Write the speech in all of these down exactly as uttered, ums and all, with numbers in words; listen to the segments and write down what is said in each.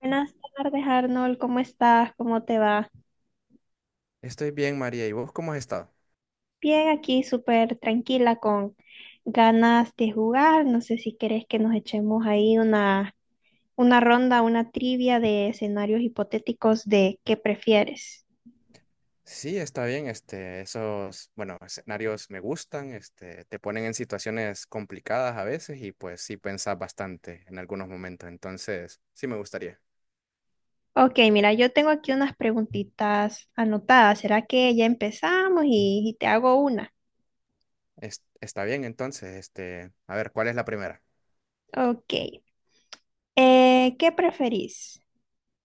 Buenas tardes, Arnold. ¿Cómo estás? ¿Cómo te va? Estoy bien, María. ¿Y vos cómo has estado? Bien, aquí súper tranquila con ganas de jugar. No sé si querés que nos echemos ahí una, una ronda, una trivia de escenarios hipotéticos de qué prefieres. Sí, está bien. Este, esos, bueno, escenarios me gustan. Este, te ponen en situaciones complicadas a veces y pues sí pensás bastante en algunos momentos. Entonces, sí me gustaría. Ok, mira, yo tengo aquí unas preguntitas anotadas. ¿Será que ya empezamos y, y te hago una? Es- está bien, entonces, este, a ver, ¿cuál es la primera? Ok. Eh, ¿qué preferís?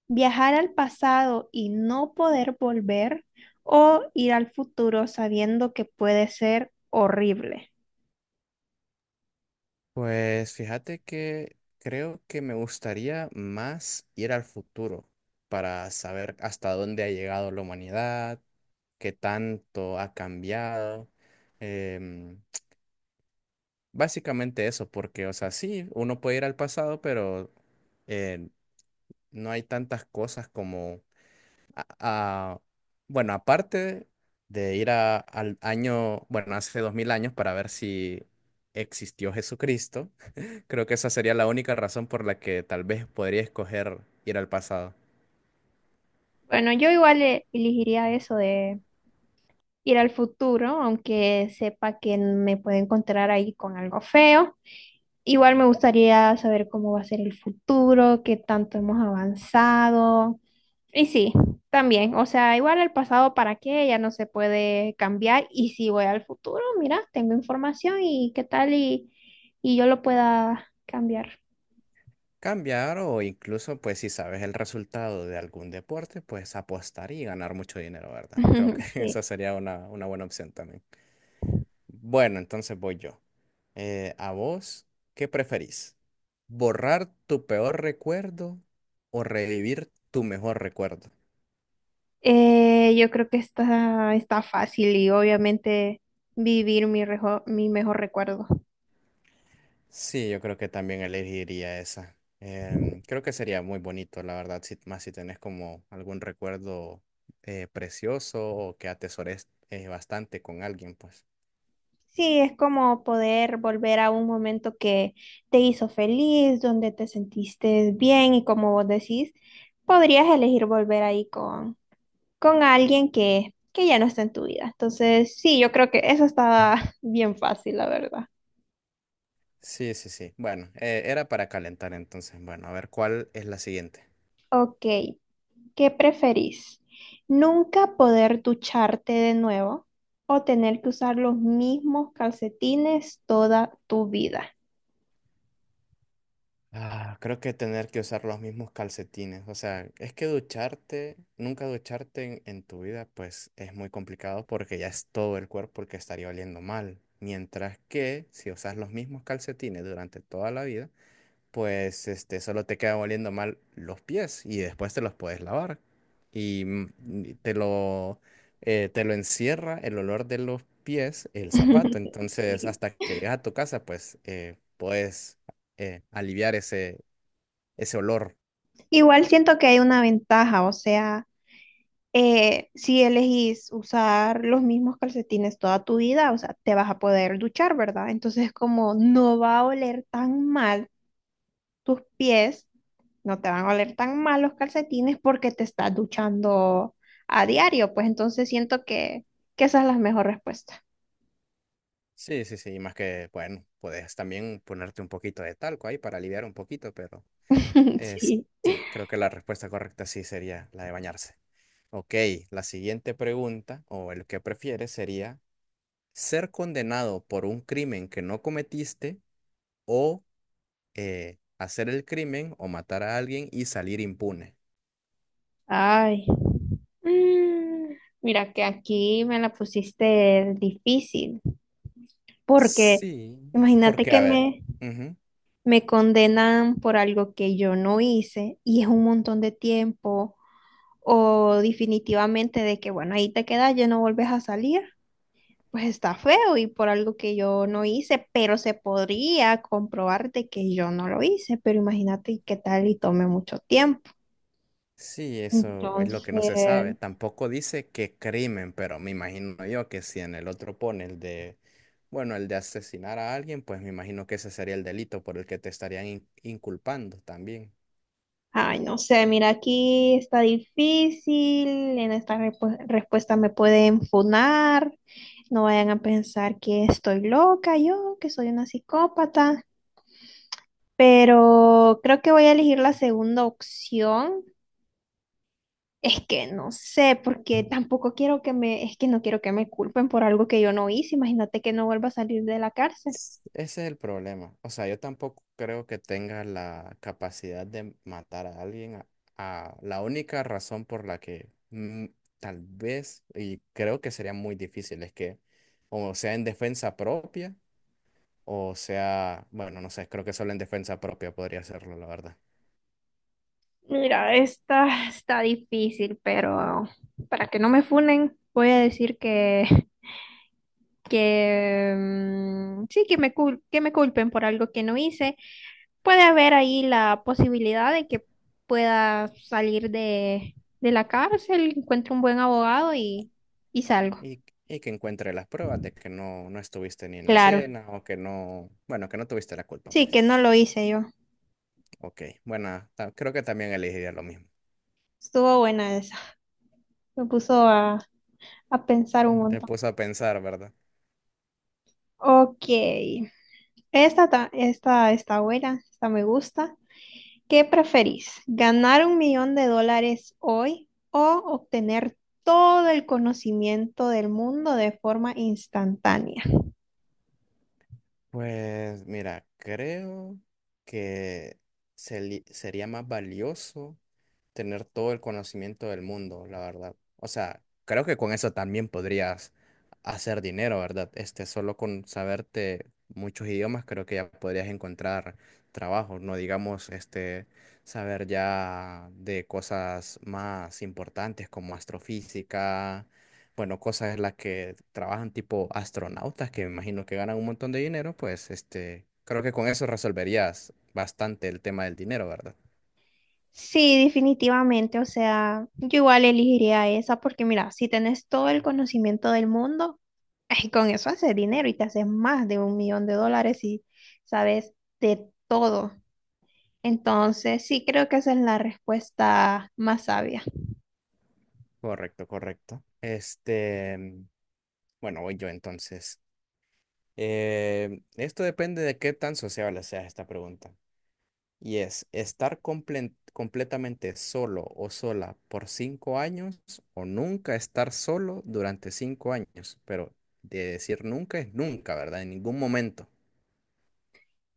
Viajar al pasado y no poder volver o ir al futuro sabiendo que puede ser horrible. Pues fíjate que creo que me gustaría más ir al futuro para saber hasta dónde ha llegado la humanidad, qué tanto ha cambiado. Básicamente eso, porque, o sea, sí, uno puede ir al pasado, pero eh, no hay tantas cosas como, a- a- bueno, aparte de ir a- al año, bueno, hace dos mil años para ver si existió Jesucristo. Creo que esa sería la única razón por la que tal vez podría escoger ir al pasado. Bueno, yo igual eh, elegiría eso de ir al futuro, aunque sepa que me puedo encontrar ahí con algo feo. Igual me gustaría saber cómo va a ser el futuro, qué tanto hemos avanzado, y sí, también, o sea, igual el pasado para qué, ya no se puede cambiar, y si voy al futuro, mira, tengo información y qué tal y, y yo lo pueda cambiar. Cambiar o incluso, pues, si sabes el resultado de algún deporte, pues apostar y ganar mucho dinero, ¿verdad? Creo que esa Sí. sería una, una buena opción también. Bueno, entonces voy yo. Eh, ¿a vos qué preferís? ¿Borrar tu peor recuerdo o revivir tu mejor recuerdo? Eh, yo creo que está, está fácil, y obviamente vivir mi, rejo- mi mejor recuerdo. Sí, yo creo que también elegiría esa. Em, creo que sería muy bonito, la verdad, si- más si tenés como algún recuerdo eh, precioso o que atesores eh, bastante con alguien, pues. Sí, es como poder volver a un momento que te hizo feliz, donde te sentiste bien, y como vos decís, podrías elegir volver ahí con con alguien que, que ya no está en tu vida. Entonces, sí, yo creo que eso está bien fácil, la verdad. Sí, sí, sí. Bueno, eh, era para calentar entonces. Bueno, a ver cuál es la siguiente. Ok, ¿qué preferís? ¿Nunca poder ducharte de nuevo o tener que usar los mismos calcetines toda tu vida? Ah, creo que tener que usar los mismos calcetines. O sea, es que ducharte, nunca ducharte en, en tu vida, pues es muy complicado porque ya es todo el cuerpo el que estaría oliendo mal. Mientras que si usas los mismos calcetines durante toda la vida, pues este, solo te quedan oliendo mal los pies y después te los puedes lavar. Y mm, y te lo, eh, te lo encierra el olor de los pies, el zapato. Entonces, Sí. hasta que llegas a tu casa, pues eh, puedes eh, aliviar ese, ese olor. Igual siento que hay una ventaja, o sea, eh, si elegís usar los mismos calcetines toda tu vida, o sea, te vas a poder duchar, ¿verdad? Entonces, como no va a oler tan mal tus pies, no te van a oler tan mal los calcetines, porque te estás duchando a diario, pues entonces siento que, que esa es la mejor respuesta. Sí, sí, sí, y más que, bueno, puedes también ponerte un poquito de talco ahí para aliviar un poquito, pero eh, Sí. sí, creo que la respuesta correcta sí sería la de bañarse. Ok, la siguiente pregunta, o el que prefieres, sería ser condenado por un crimen que no cometiste o eh, hacer el crimen o matar a alguien y salir impune. Ay. Mm, Mira que aquí me la pusiste difícil, porque Sí, imagínate Porque, que a ver, me, ujú, me condenan por algo que yo no hice, y es un montón de tiempo, o definitivamente de que, bueno, ahí te quedas, ya no vuelves a salir, pues está feo, y por algo que yo no hice, pero se podría comprobar de que yo no lo hice, pero imagínate y qué tal y tome mucho tiempo. sí, eso es lo Entonces, que no se sabe. Tampoco dice qué crimen, pero me imagino yo que si en el otro pone el de, bueno, el de asesinar a alguien, pues me imagino que ese sería el delito por el que te estarían in- inculpando también. ay, no sé, mira, aquí está difícil, en esta repu- respuesta me pueden funar, no vayan a pensar que estoy loca yo, que soy una psicópata, pero creo que voy a elegir la segunda opción. Es que no sé, porque tampoco quiero que me, es que no quiero que me culpen por algo que yo no hice. Imagínate que no vuelva a salir de la cárcel. Ese es el problema. O sea, yo tampoco creo que tenga la capacidad de matar a alguien. A, a- la única razón por la que mm, tal vez, y creo que sería muy difícil, es que, o sea, en defensa propia. O sea, bueno, no sé, creo que solo en defensa propia podría hacerlo, la verdad. Mira, esta está difícil, pero para que no me funen, voy a decir que, que mm, sí, que me, cul- que me culpen por algo que no hice. Puede haber ahí la posibilidad de que pueda salir de, de la cárcel, encuentre un buen abogado, y, y salgo. Y, y que encuentre las pruebas de que no, no estuviste ni en la Claro. escena, o que no, bueno, que no tuviste la culpa, Sí, pues. que no lo hice yo. Ok, bueno, ta- creo que también elegiría lo mismo. Estuvo buena esa. Me puso a, a pensar un Te montón. puso a pensar, ¿verdad? Ok. Esta, ta- esta está buena, esta me gusta. ¿Qué preferís? ¿Ganar un millón de dólares hoy o obtener todo el conocimiento del mundo de forma instantánea? Pues mira, creo que se li- sería más valioso tener todo el conocimiento del mundo, la verdad. O sea, creo que con eso también podrías hacer dinero, ¿verdad? Este, solo con saberte muchos idiomas, creo que ya podrías encontrar trabajo, no digamos, este, saber ya de cosas más importantes como astrofísica, bueno, cosas en las que trabajan tipo astronautas, que me imagino que ganan un montón de dinero, pues, este, creo que con eso resolverías bastante el tema del dinero, ¿verdad? Sí, definitivamente. O sea, yo igual elegiría esa, porque mira, si tenés todo el conocimiento del mundo, ay, con eso haces dinero y te haces más de un millón de dólares y sabes de todo. Entonces, sí, creo que esa es la respuesta más sabia. Correcto, correcto. Este, mm, bueno, voy yo entonces. Eh, esto depende de qué tan sociable sea esta pregunta. Y es, ¿estar comple- completamente solo o sola por cinco años o nunca estar solo durante cinco años? Pero de decir nunca es nunca, ¿verdad? En ningún momento.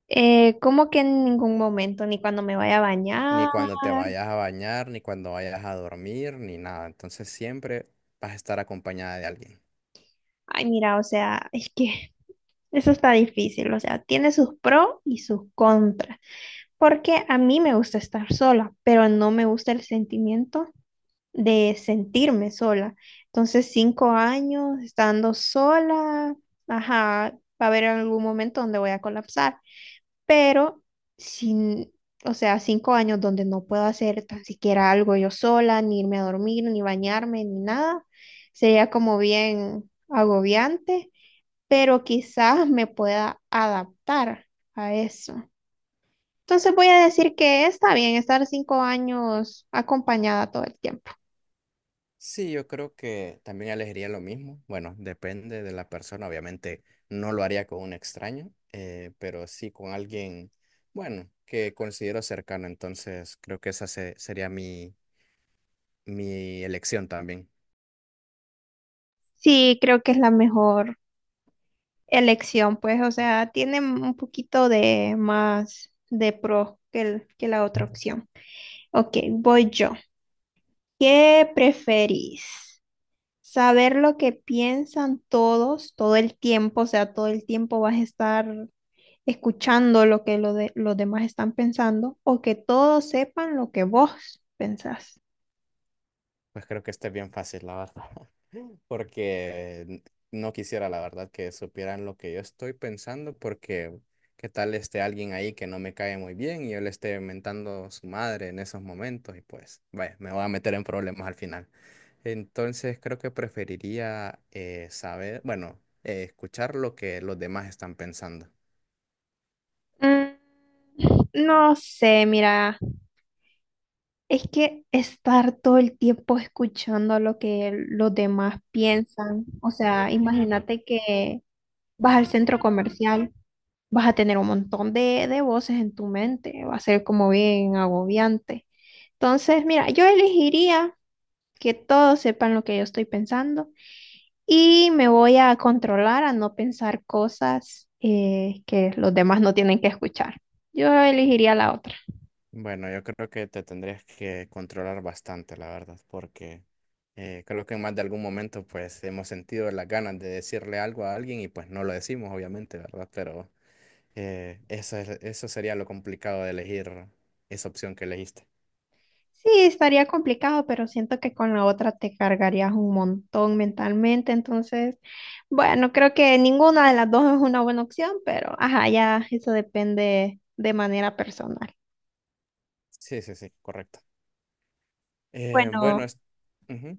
Eh, como que en ningún momento, ni cuando me vaya a Ni bañar. cuando te vayas a bañar, ni cuando vayas a dormir, ni nada. Entonces siempre vas a estar acompañada de alguien. Ay, mira, o sea, es que eso está difícil. O sea, tiene sus pros y sus contras. Porque a mí me gusta estar sola, pero no me gusta el sentimiento de sentirme sola. Entonces, cinco años estando sola, ajá, va a haber algún momento donde voy a colapsar, pero sin, o sea, cinco años donde no puedo hacer tan siquiera algo yo sola, ni irme a dormir, ni bañarme, ni nada, sería como bien agobiante, pero quizás me pueda adaptar a eso. Entonces, voy a decir que está bien estar cinco años acompañada todo el tiempo. Sí, yo creo que también elegiría lo mismo. Bueno, depende de la persona. Obviamente no lo haría con un extraño, eh, pero sí con alguien, bueno, que considero cercano. Entonces creo que esa se- sería mi, mi elección también. Sí, creo que es la mejor elección, pues, o sea, tiene un poquito de más de pro que, el- que la otra opción. Ok, voy yo. ¿Qué preferís? ¿Saber lo que piensan todos todo el tiempo? O sea, todo el tiempo vas a estar escuchando lo que lo de- los demás están pensando, o que todos sepan lo que vos pensás. Pues creo que este es bien fácil, la verdad. Porque no quisiera, la verdad, que supieran lo que yo estoy pensando, porque qué tal esté alguien ahí que no me cae muy bien y yo le esté mentando su madre en esos momentos y pues, vaya, me voy a meter en problemas al final. Entonces creo que preferiría eh, saber, bueno, eh, escuchar lo que los demás están pensando. Mm, No sé, mira, es que estar todo el tiempo escuchando lo que los demás piensan, o sea, imagínate que vas al centro comercial, vas a tener un montón de, de voces en tu mente, va a ser como bien agobiante. Entonces, mira, yo elegiría que todos sepan lo que yo estoy pensando, y me voy a controlar a no pensar cosas eh, que los demás no tienen que escuchar. Yo elegiría la otra. Bueno, yo creo que te tendrías que controlar bastante, la verdad, porque eh, creo que en más de algún momento pues hemos sentido las ganas de decirle algo a alguien y pues no lo decimos, obviamente, ¿verdad? Pero eh, eso es- eso sería lo complicado de elegir esa opción que elegiste. Sí, estaría complicado, pero siento que con la otra te cargarías un montón mentalmente. Entonces, bueno, creo que ninguna de las dos es una buena opción, pero ajá, ya eso depende de manera personal. Sí, sí, sí, correcto. Eh, bueno, Bueno, es- ujú,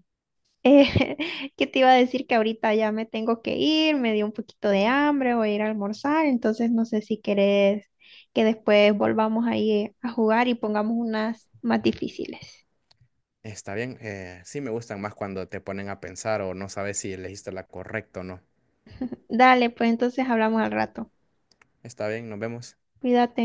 eh, ¿qué te iba a decir? Que ahorita ya me tengo que ir, me dio un poquito de hambre, voy a ir a almorzar, entonces no sé si querés que después volvamos ahí a jugar y pongamos unas más difíciles. está bien. eh, sí me gustan más cuando te ponen a pensar o no sabes si elegiste la correcta o no. Dale, pues entonces hablamos al rato. Está bien, nos vemos. Cuídate.